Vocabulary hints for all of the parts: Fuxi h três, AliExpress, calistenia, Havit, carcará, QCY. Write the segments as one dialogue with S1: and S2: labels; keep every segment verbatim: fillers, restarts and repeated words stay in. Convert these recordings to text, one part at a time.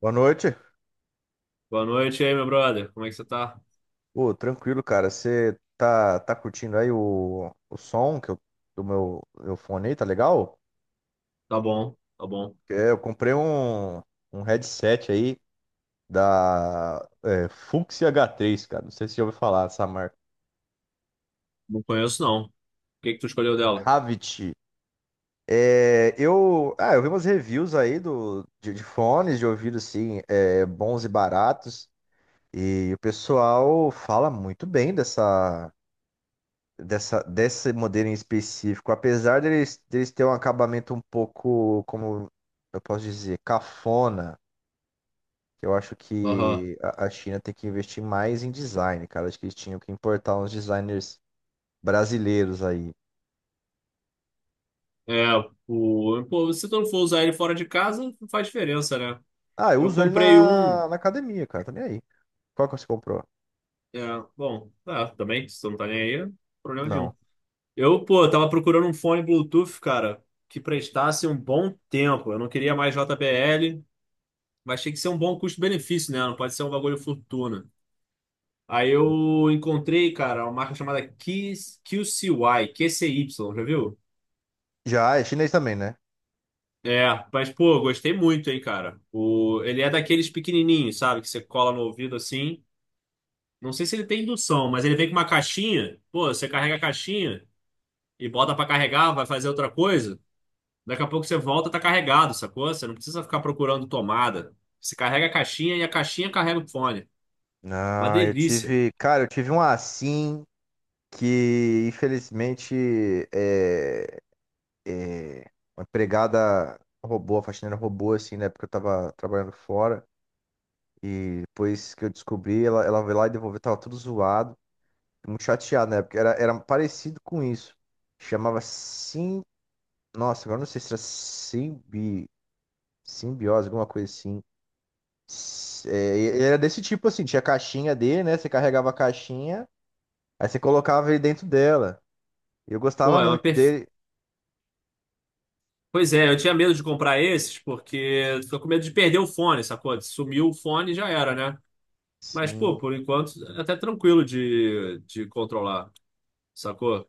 S1: Boa noite.
S2: Boa noite aí, meu brother. Como é que você tá?
S1: Ô, tranquilo, cara. Você tá, tá curtindo aí o, o som que eu, do meu, meu fone aí, tá legal?
S2: Tá bom, tá bom.
S1: É, eu comprei um, um headset aí da é, Fuxi agá três, cara. Não sei se você já ouviu falar dessa marca.
S2: Não conheço, não. O que que tu escolheu dela?
S1: Havit. É, eu, ah, eu vi umas reviews aí do, de, de fones de ouvido, assim, é, bons e baratos. E o pessoal fala muito bem dessa, dessa, desse modelo em específico, apesar deles, deles terem um acabamento um pouco, como eu posso dizer, cafona. Eu acho
S2: Aham.
S1: que a a China tem que investir mais em design, cara. Acho que eles tinham que importar uns designers brasileiros aí.
S2: É, o... Pô, se tu não for usar ele fora de casa, não faz diferença, né?
S1: Ah, eu
S2: Eu
S1: uso ele
S2: comprei um...
S1: na, na academia, cara, tá nem aí. Qual que você comprou?
S2: É, bom, tá, também, se tu não tá nem aí, problema nenhum.
S1: Não.
S2: Eu, pô, tava procurando um fone Bluetooth, cara, que prestasse um bom tempo. Eu não queria mais J B L, mas tinha que ser um bom custo-benefício, né? Não pode ser um bagulho fortuna. Aí eu encontrei, cara, uma marca chamada Keys- Q C Y Q C Y já viu?
S1: Já, é chinês também, né?
S2: É, mas pô, gostei muito, hein, cara. O, ele é daqueles pequenininhos, sabe? Que você cola no ouvido assim. Não sei se ele tem indução, mas ele vem com uma caixinha. Pô, você carrega a caixinha e bota pra carregar, vai fazer outra coisa. Daqui a pouco você volta, tá carregado, sacou? Você não precisa ficar procurando tomada. Você carrega a caixinha e a caixinha carrega o fone. Uma
S1: Ah, eu
S2: delícia.
S1: tive. Cara, eu tive um assim que, infelizmente, é, é, uma empregada roubou, a faxineira roubou, assim, na época que eu tava trabalhando fora. E depois que eu descobri, ela, ela veio lá e devolveu, tava tudo zoado. Muito chateado, né? Porque era, era parecido com isso. Chamava sim. Nossa, agora eu não sei se era simbi, simbiose, alguma coisa assim. S- É, e- e era desse tipo assim, tinha a caixinha dele, né? Você carregava a caixinha, aí você colocava ele dentro dela. E eu
S2: Pô,
S1: gostava
S2: é uma
S1: muito
S2: per.
S1: dele.
S2: Pois é, eu tinha medo de comprar esses porque tô com medo de perder o fone, sacou? Sumiu o fone, já era, né? Mas, pô,
S1: Sim.
S2: por enquanto é até tranquilo de, de controlar, sacou?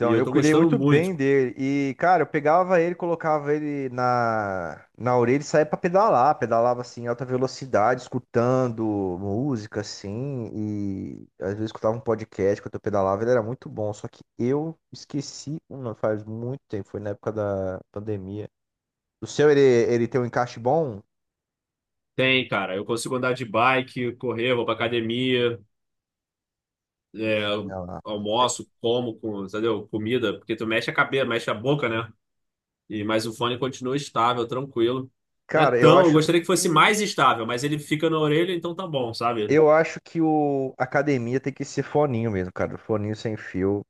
S2: E eu
S1: eu
S2: tô
S1: cuidei
S2: gostando
S1: muito bem
S2: muito.
S1: dele. E, cara, eu pegava ele, colocava ele na, na orelha e saía pra pedalar. Pedalava, assim, em alta velocidade, escutando música, assim. E às vezes escutava um podcast quando eu pedalava. Ele era muito bom. Só que eu esqueci, uma faz muito tempo. Foi na época da pandemia. O seu, ele, ele tem um encaixe bom?
S2: Tem, cara, eu consigo andar de bike, correr, vou pra academia, é,
S1: Ela-
S2: almoço, como, com, entendeu? Comida, porque tu mexe a cabeça, mexe a boca, né? E, mas o fone continua estável, tranquilo. Não é
S1: Cara, eu
S2: tão, eu
S1: acho
S2: gostaria que fosse
S1: que...
S2: mais estável, mas ele fica na orelha, então tá bom, sabe?
S1: Eu acho que o a academia tem que ser foninho mesmo, cara. Foninho sem fio.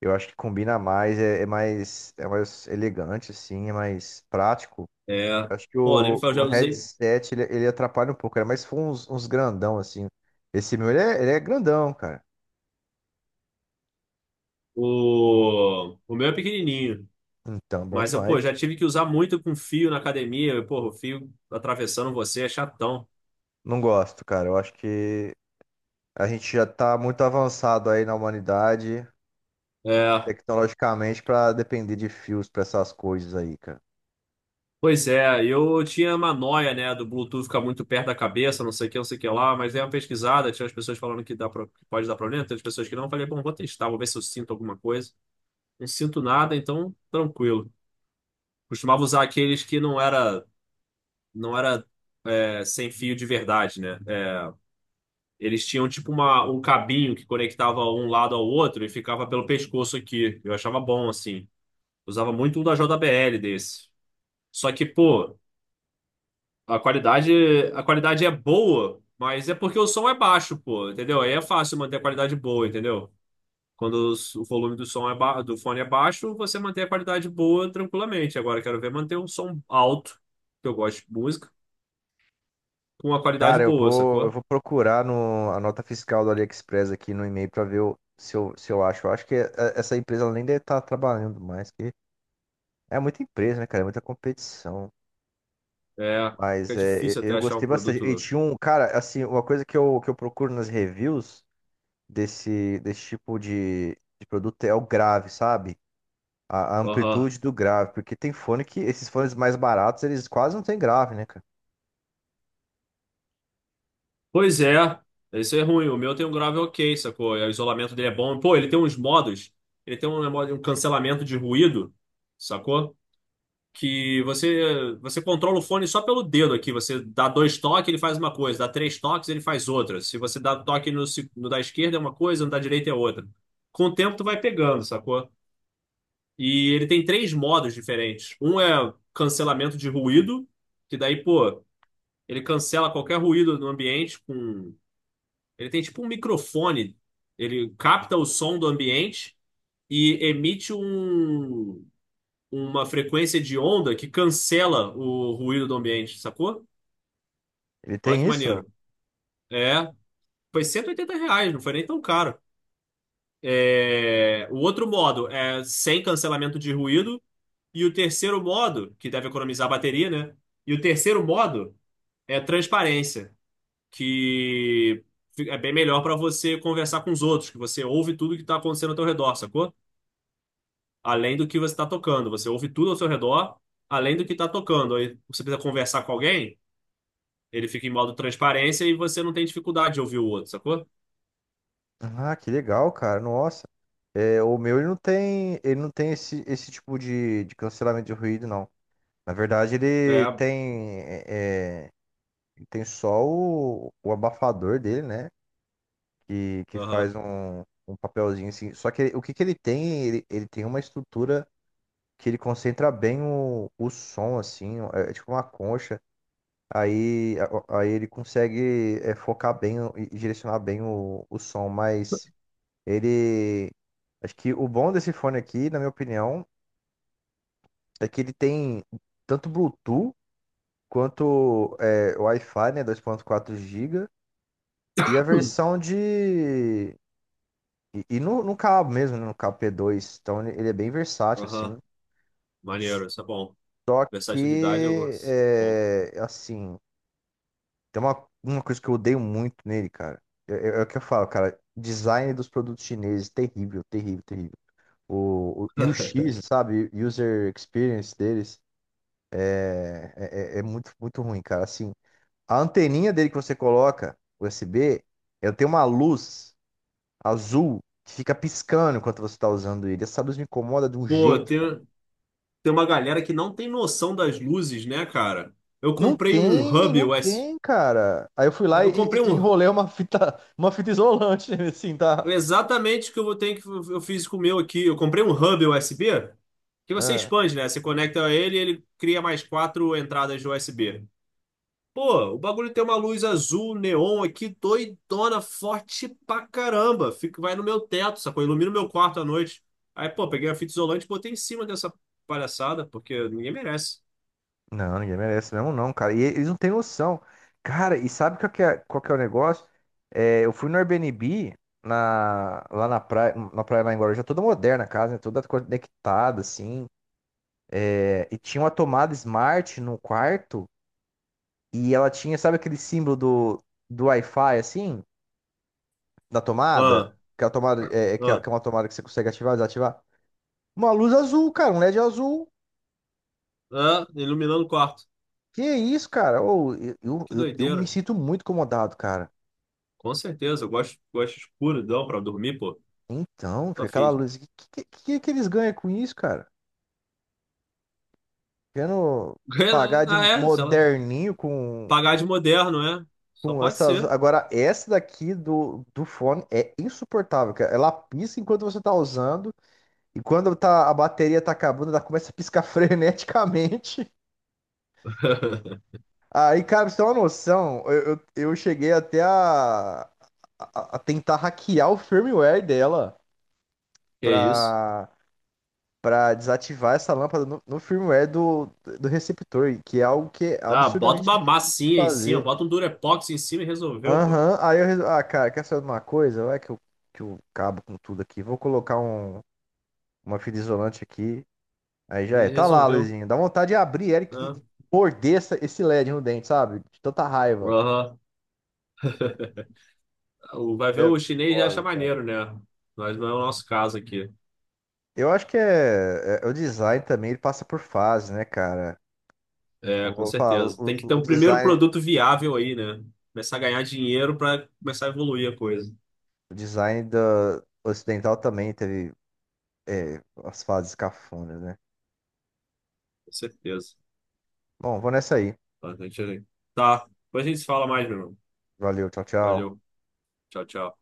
S1: Eu acho que combina mais, é, é mais, é mais elegante, assim, é mais prático.
S2: É.
S1: Eu acho que
S2: Pô, nem me
S1: o,
S2: fala,
S1: o
S2: já usei.
S1: headset, ele, ele atrapalha um pouco, cara, mas se uns, uns grandão, assim. Esse meu, ele é, ele é grandão, cara.
S2: O, o meu é pequenininho,
S1: Então, bom
S2: mas eu,
S1: demais.
S2: pô, já tive que usar muito com fio na academia, e, pô, o fio atravessando você é chatão.
S1: Não gosto, cara. Eu acho que a gente já tá muito avançado aí na humanidade,
S2: É,
S1: tecnologicamente, pra depender de fios pra essas coisas aí, cara.
S2: pois é, eu tinha uma noia, né, do Bluetooth ficar muito perto da cabeça, não sei o que, não sei o que lá, mas dei uma pesquisada, tinha as pessoas falando que dá pro- que pode dar problema, tem as pessoas que não, eu falei, bom, vou testar, vou ver se eu sinto alguma coisa. Não sinto nada, então tranquilo. Costumava usar aqueles que não era, não era, é, sem fio de verdade, né? Eles tinham tipo uma, um cabinho que conectava um lado ao outro e ficava pelo pescoço aqui. Eu achava bom, assim. Usava muito um da J B L desse. Só que, pô, a qualidade, a qualidade é boa, mas é porque o som é baixo, pô, entendeu? Aí é fácil manter a qualidade boa, entendeu? Quando os- o volume do som é ba- do fone é baixo, você mantém a qualidade boa tranquilamente. Agora eu quero ver manter um som alto, que eu gosto de música, com uma qualidade
S1: Cara, eu
S2: boa,
S1: vou, eu
S2: sacou?
S1: vou procurar no, a nota fiscal do AliExpress aqui no e-mail para ver o- se eu, se eu acho. Eu acho que é- é- essa empresa ela nem deve estar trabalhando mais, que é muita empresa, né, cara? É muita competição.
S2: É,
S1: Mas
S2: fica
S1: é, eu,
S2: difícil até
S1: eu
S2: achar um
S1: gostei bastante. E
S2: produto.
S1: tinha um, cara, assim, uma coisa que eu, que eu procuro nas reviews desse, desse tipo de, de produto é o grave, sabe? A, a
S2: Aham.
S1: amplitude do grave. Porque tem fone que, esses fones mais baratos, eles quase não têm grave, né, cara?
S2: Pois é, isso é ruim. O meu tem um grave ok, sacou? O isolamento dele é bom. Pô, ele tem uns modos, ele tem um, modo- um cancelamento de ruído, sacou? Que você você controla o fone só pelo dedo aqui. Você dá dois toques, ele faz uma coisa. Dá três toques, ele faz outra. Se você dá toque no, se- no da esquerda é uma coisa, no da direita é outra. Com o tempo tu vai pegando, sacou? E ele tem três modos diferentes. Um é cancelamento de ruído, que daí, pô, ele cancela qualquer ruído no ambiente com ele tem tipo um microfone. Ele capta o som do ambiente e emite um, uma frequência de onda que cancela o ruído do ambiente, sacou?
S1: Ele
S2: Olha
S1: tem
S2: que
S1: isso?
S2: maneiro. É, foi cento e oitenta reais, não foi nem tão caro. É, o outro modo é sem cancelamento de ruído. E o terceiro modo, que deve economizar a bateria, né? E o terceiro modo é transparência, que é bem melhor para você conversar com os outros, que você ouve tudo que está acontecendo ao teu redor, sacou? Além do que você está tocando. Você ouve tudo ao seu redor, além do que está tocando. Aí você precisa conversar com alguém, ele fica em modo transparência e você não tem dificuldade de ouvir o outro, sacou?
S1: Ah, que legal, cara. Nossa. É, o meu ele não tem, ele não tem esse, esse tipo de, de cancelamento de ruído, não. Na verdade, ele
S2: É,
S1: tem, é, é, ele tem só o, o abafador dele, né? Que, que
S2: aham,
S1: faz um, um papelzinho assim. Só que ele- o que, que ele tem? Ele, ele tem uma estrutura que ele concentra bem o, o som, assim, é, é tipo uma concha. Aí, a- aí ele consegue é, focar bem e e direcionar bem o, o som, mas. Ele. Acho que o bom desse fone aqui, na minha opinião, é que ele tem tanto Bluetooth quanto é, Wi-Fi, né? Dois ponto quatro G B. E a versão de. E, e no, no cabo mesmo, né, no cabo pê dois. Então ele ele é bem versátil, assim.
S2: aham. Maneiro, isso é bom.
S1: Só
S2: Versatilidade eu
S1: que.
S2: gosto. Bom.
S1: É, assim. Tem uma, uma coisa que eu odeio muito nele, cara. É, é- é o que eu falo, cara. Design dos produtos chineses, terrível, terrível, terrível. O, o, e o X, sabe? User Experience deles. É, é- é é muito, muito ruim, cara. Assim, a anteninha dele que você coloca, U S B, ela tem uma luz azul que fica piscando enquanto você tá usando ele. Essa luz me incomoda de um
S2: Pô,
S1: jeito, cara.
S2: tem, tem uma galera que não tem noção das luzes, né, cara? Eu
S1: Não
S2: comprei um
S1: tem,
S2: hub
S1: não tem, cara. Aí eu fui
S2: U S B.
S1: lá e,
S2: Eu comprei
S1: e- e
S2: um.
S1: enrolei uma fita, uma fita isolante, assim, tá?
S2: Exatamente o que eu vou ter que eu fiz com o meu aqui. Eu comprei um hub U S B que você
S1: Ah.
S2: expande, né? Você conecta ele, e ele cria mais quatro entradas de U S B. Pô, o bagulho tem uma luz azul neon aqui, doidona, forte pra caramba. Fica, vai no meu teto, sacou? Ilumina o meu quarto à noite. Aí, pô, peguei a fita isolante e botei em cima dessa palhaçada, porque ninguém merece.
S1: Não, ninguém merece mesmo não, cara. E eles não têm noção. Cara, e sabe qual que é, qual que é o negócio? É, eu fui no Airbnb na, lá na praia, na praia lá em Guarujá, toda moderna a casa, né? Toda conectada, assim. É, e tinha uma tomada Smart no quarto e ela tinha, sabe aquele símbolo do, do Wi-Fi, assim, da
S2: Ah,
S1: tomada? Que é, a tomada é, é que é
S2: ah,
S1: que é uma tomada que você consegue ativar desativar. Uma luz azul, cara, um LED azul.
S2: ah, iluminando o quarto.
S1: Que isso, cara? Ô, eu, eu,
S2: Que
S1: eu eu me
S2: doideira.
S1: sinto muito incomodado, cara.
S2: Com certeza, eu gosto, gosto escuridão pra dormir, pô.
S1: Então,
S2: Tô
S1: fica aquela
S2: afim.
S1: luz. O que, que, que, que eles ganham com isso, cara? Querendo pagar
S2: Ganha,
S1: de
S2: ah, é, sei lá.
S1: moderninho com,
S2: Pagar de moderno, é? Só
S1: com
S2: pode
S1: essas.
S2: ser.
S1: Agora, essa daqui do, do fone é insuportável, cara. Ela pisca enquanto você tá usando. E quando tá, a bateria tá acabando, ela começa a piscar freneticamente. Aí, cara, pra você ter uma noção, eu, eu, eu cheguei até a, a, a tentar hackear o firmware dela.
S2: Que isso?
S1: Pra, Para desativar essa lâmpada no, no firmware do, do receptor, que é algo que é
S2: Ah, bota
S1: absurdamente
S2: uma
S1: difícil de
S2: massinha em cima,
S1: fazer.
S2: bota um Durepox em cima e resolveu, pô.
S1: Aham, aí eu resolvi, ah, cara, quer saber de uma coisa? Vai que eu, que eu cabo com tudo aqui. Vou colocar um, uma fita isolante aqui. Aí já é.
S2: E
S1: Tá lá,
S2: resolveu,
S1: Luizinho. Dá vontade de abrir Eric e
S2: né?
S1: e morder essa- esse LED no dente, sabe? De tanta raiva.
S2: Aham. O- Vai ver
S1: É
S2: o chinês já acha
S1: foda, cara.
S2: maneiro, né? Mas não é o nosso caso aqui.
S1: Eu acho que é, é- o design também, ele passa por fases, né, cara?
S2: É,
S1: Eu
S2: com
S1: vou falar,
S2: certeza. Tem
S1: o,
S2: que ter
S1: o- o
S2: um primeiro
S1: design,
S2: produto viável aí, né? Começar a ganhar dinheiro para começar a evoluir a coisa.
S1: o design da ocidental também teve, é, as fases cafonas, né?
S2: Com certeza.
S1: Bom, vou nessa aí.
S2: Tá, a gente, tá. Depois a gente se fala mais, meu irmão.
S1: Valeu, tchau, tchau.
S2: Valeu. Tchau, tchau.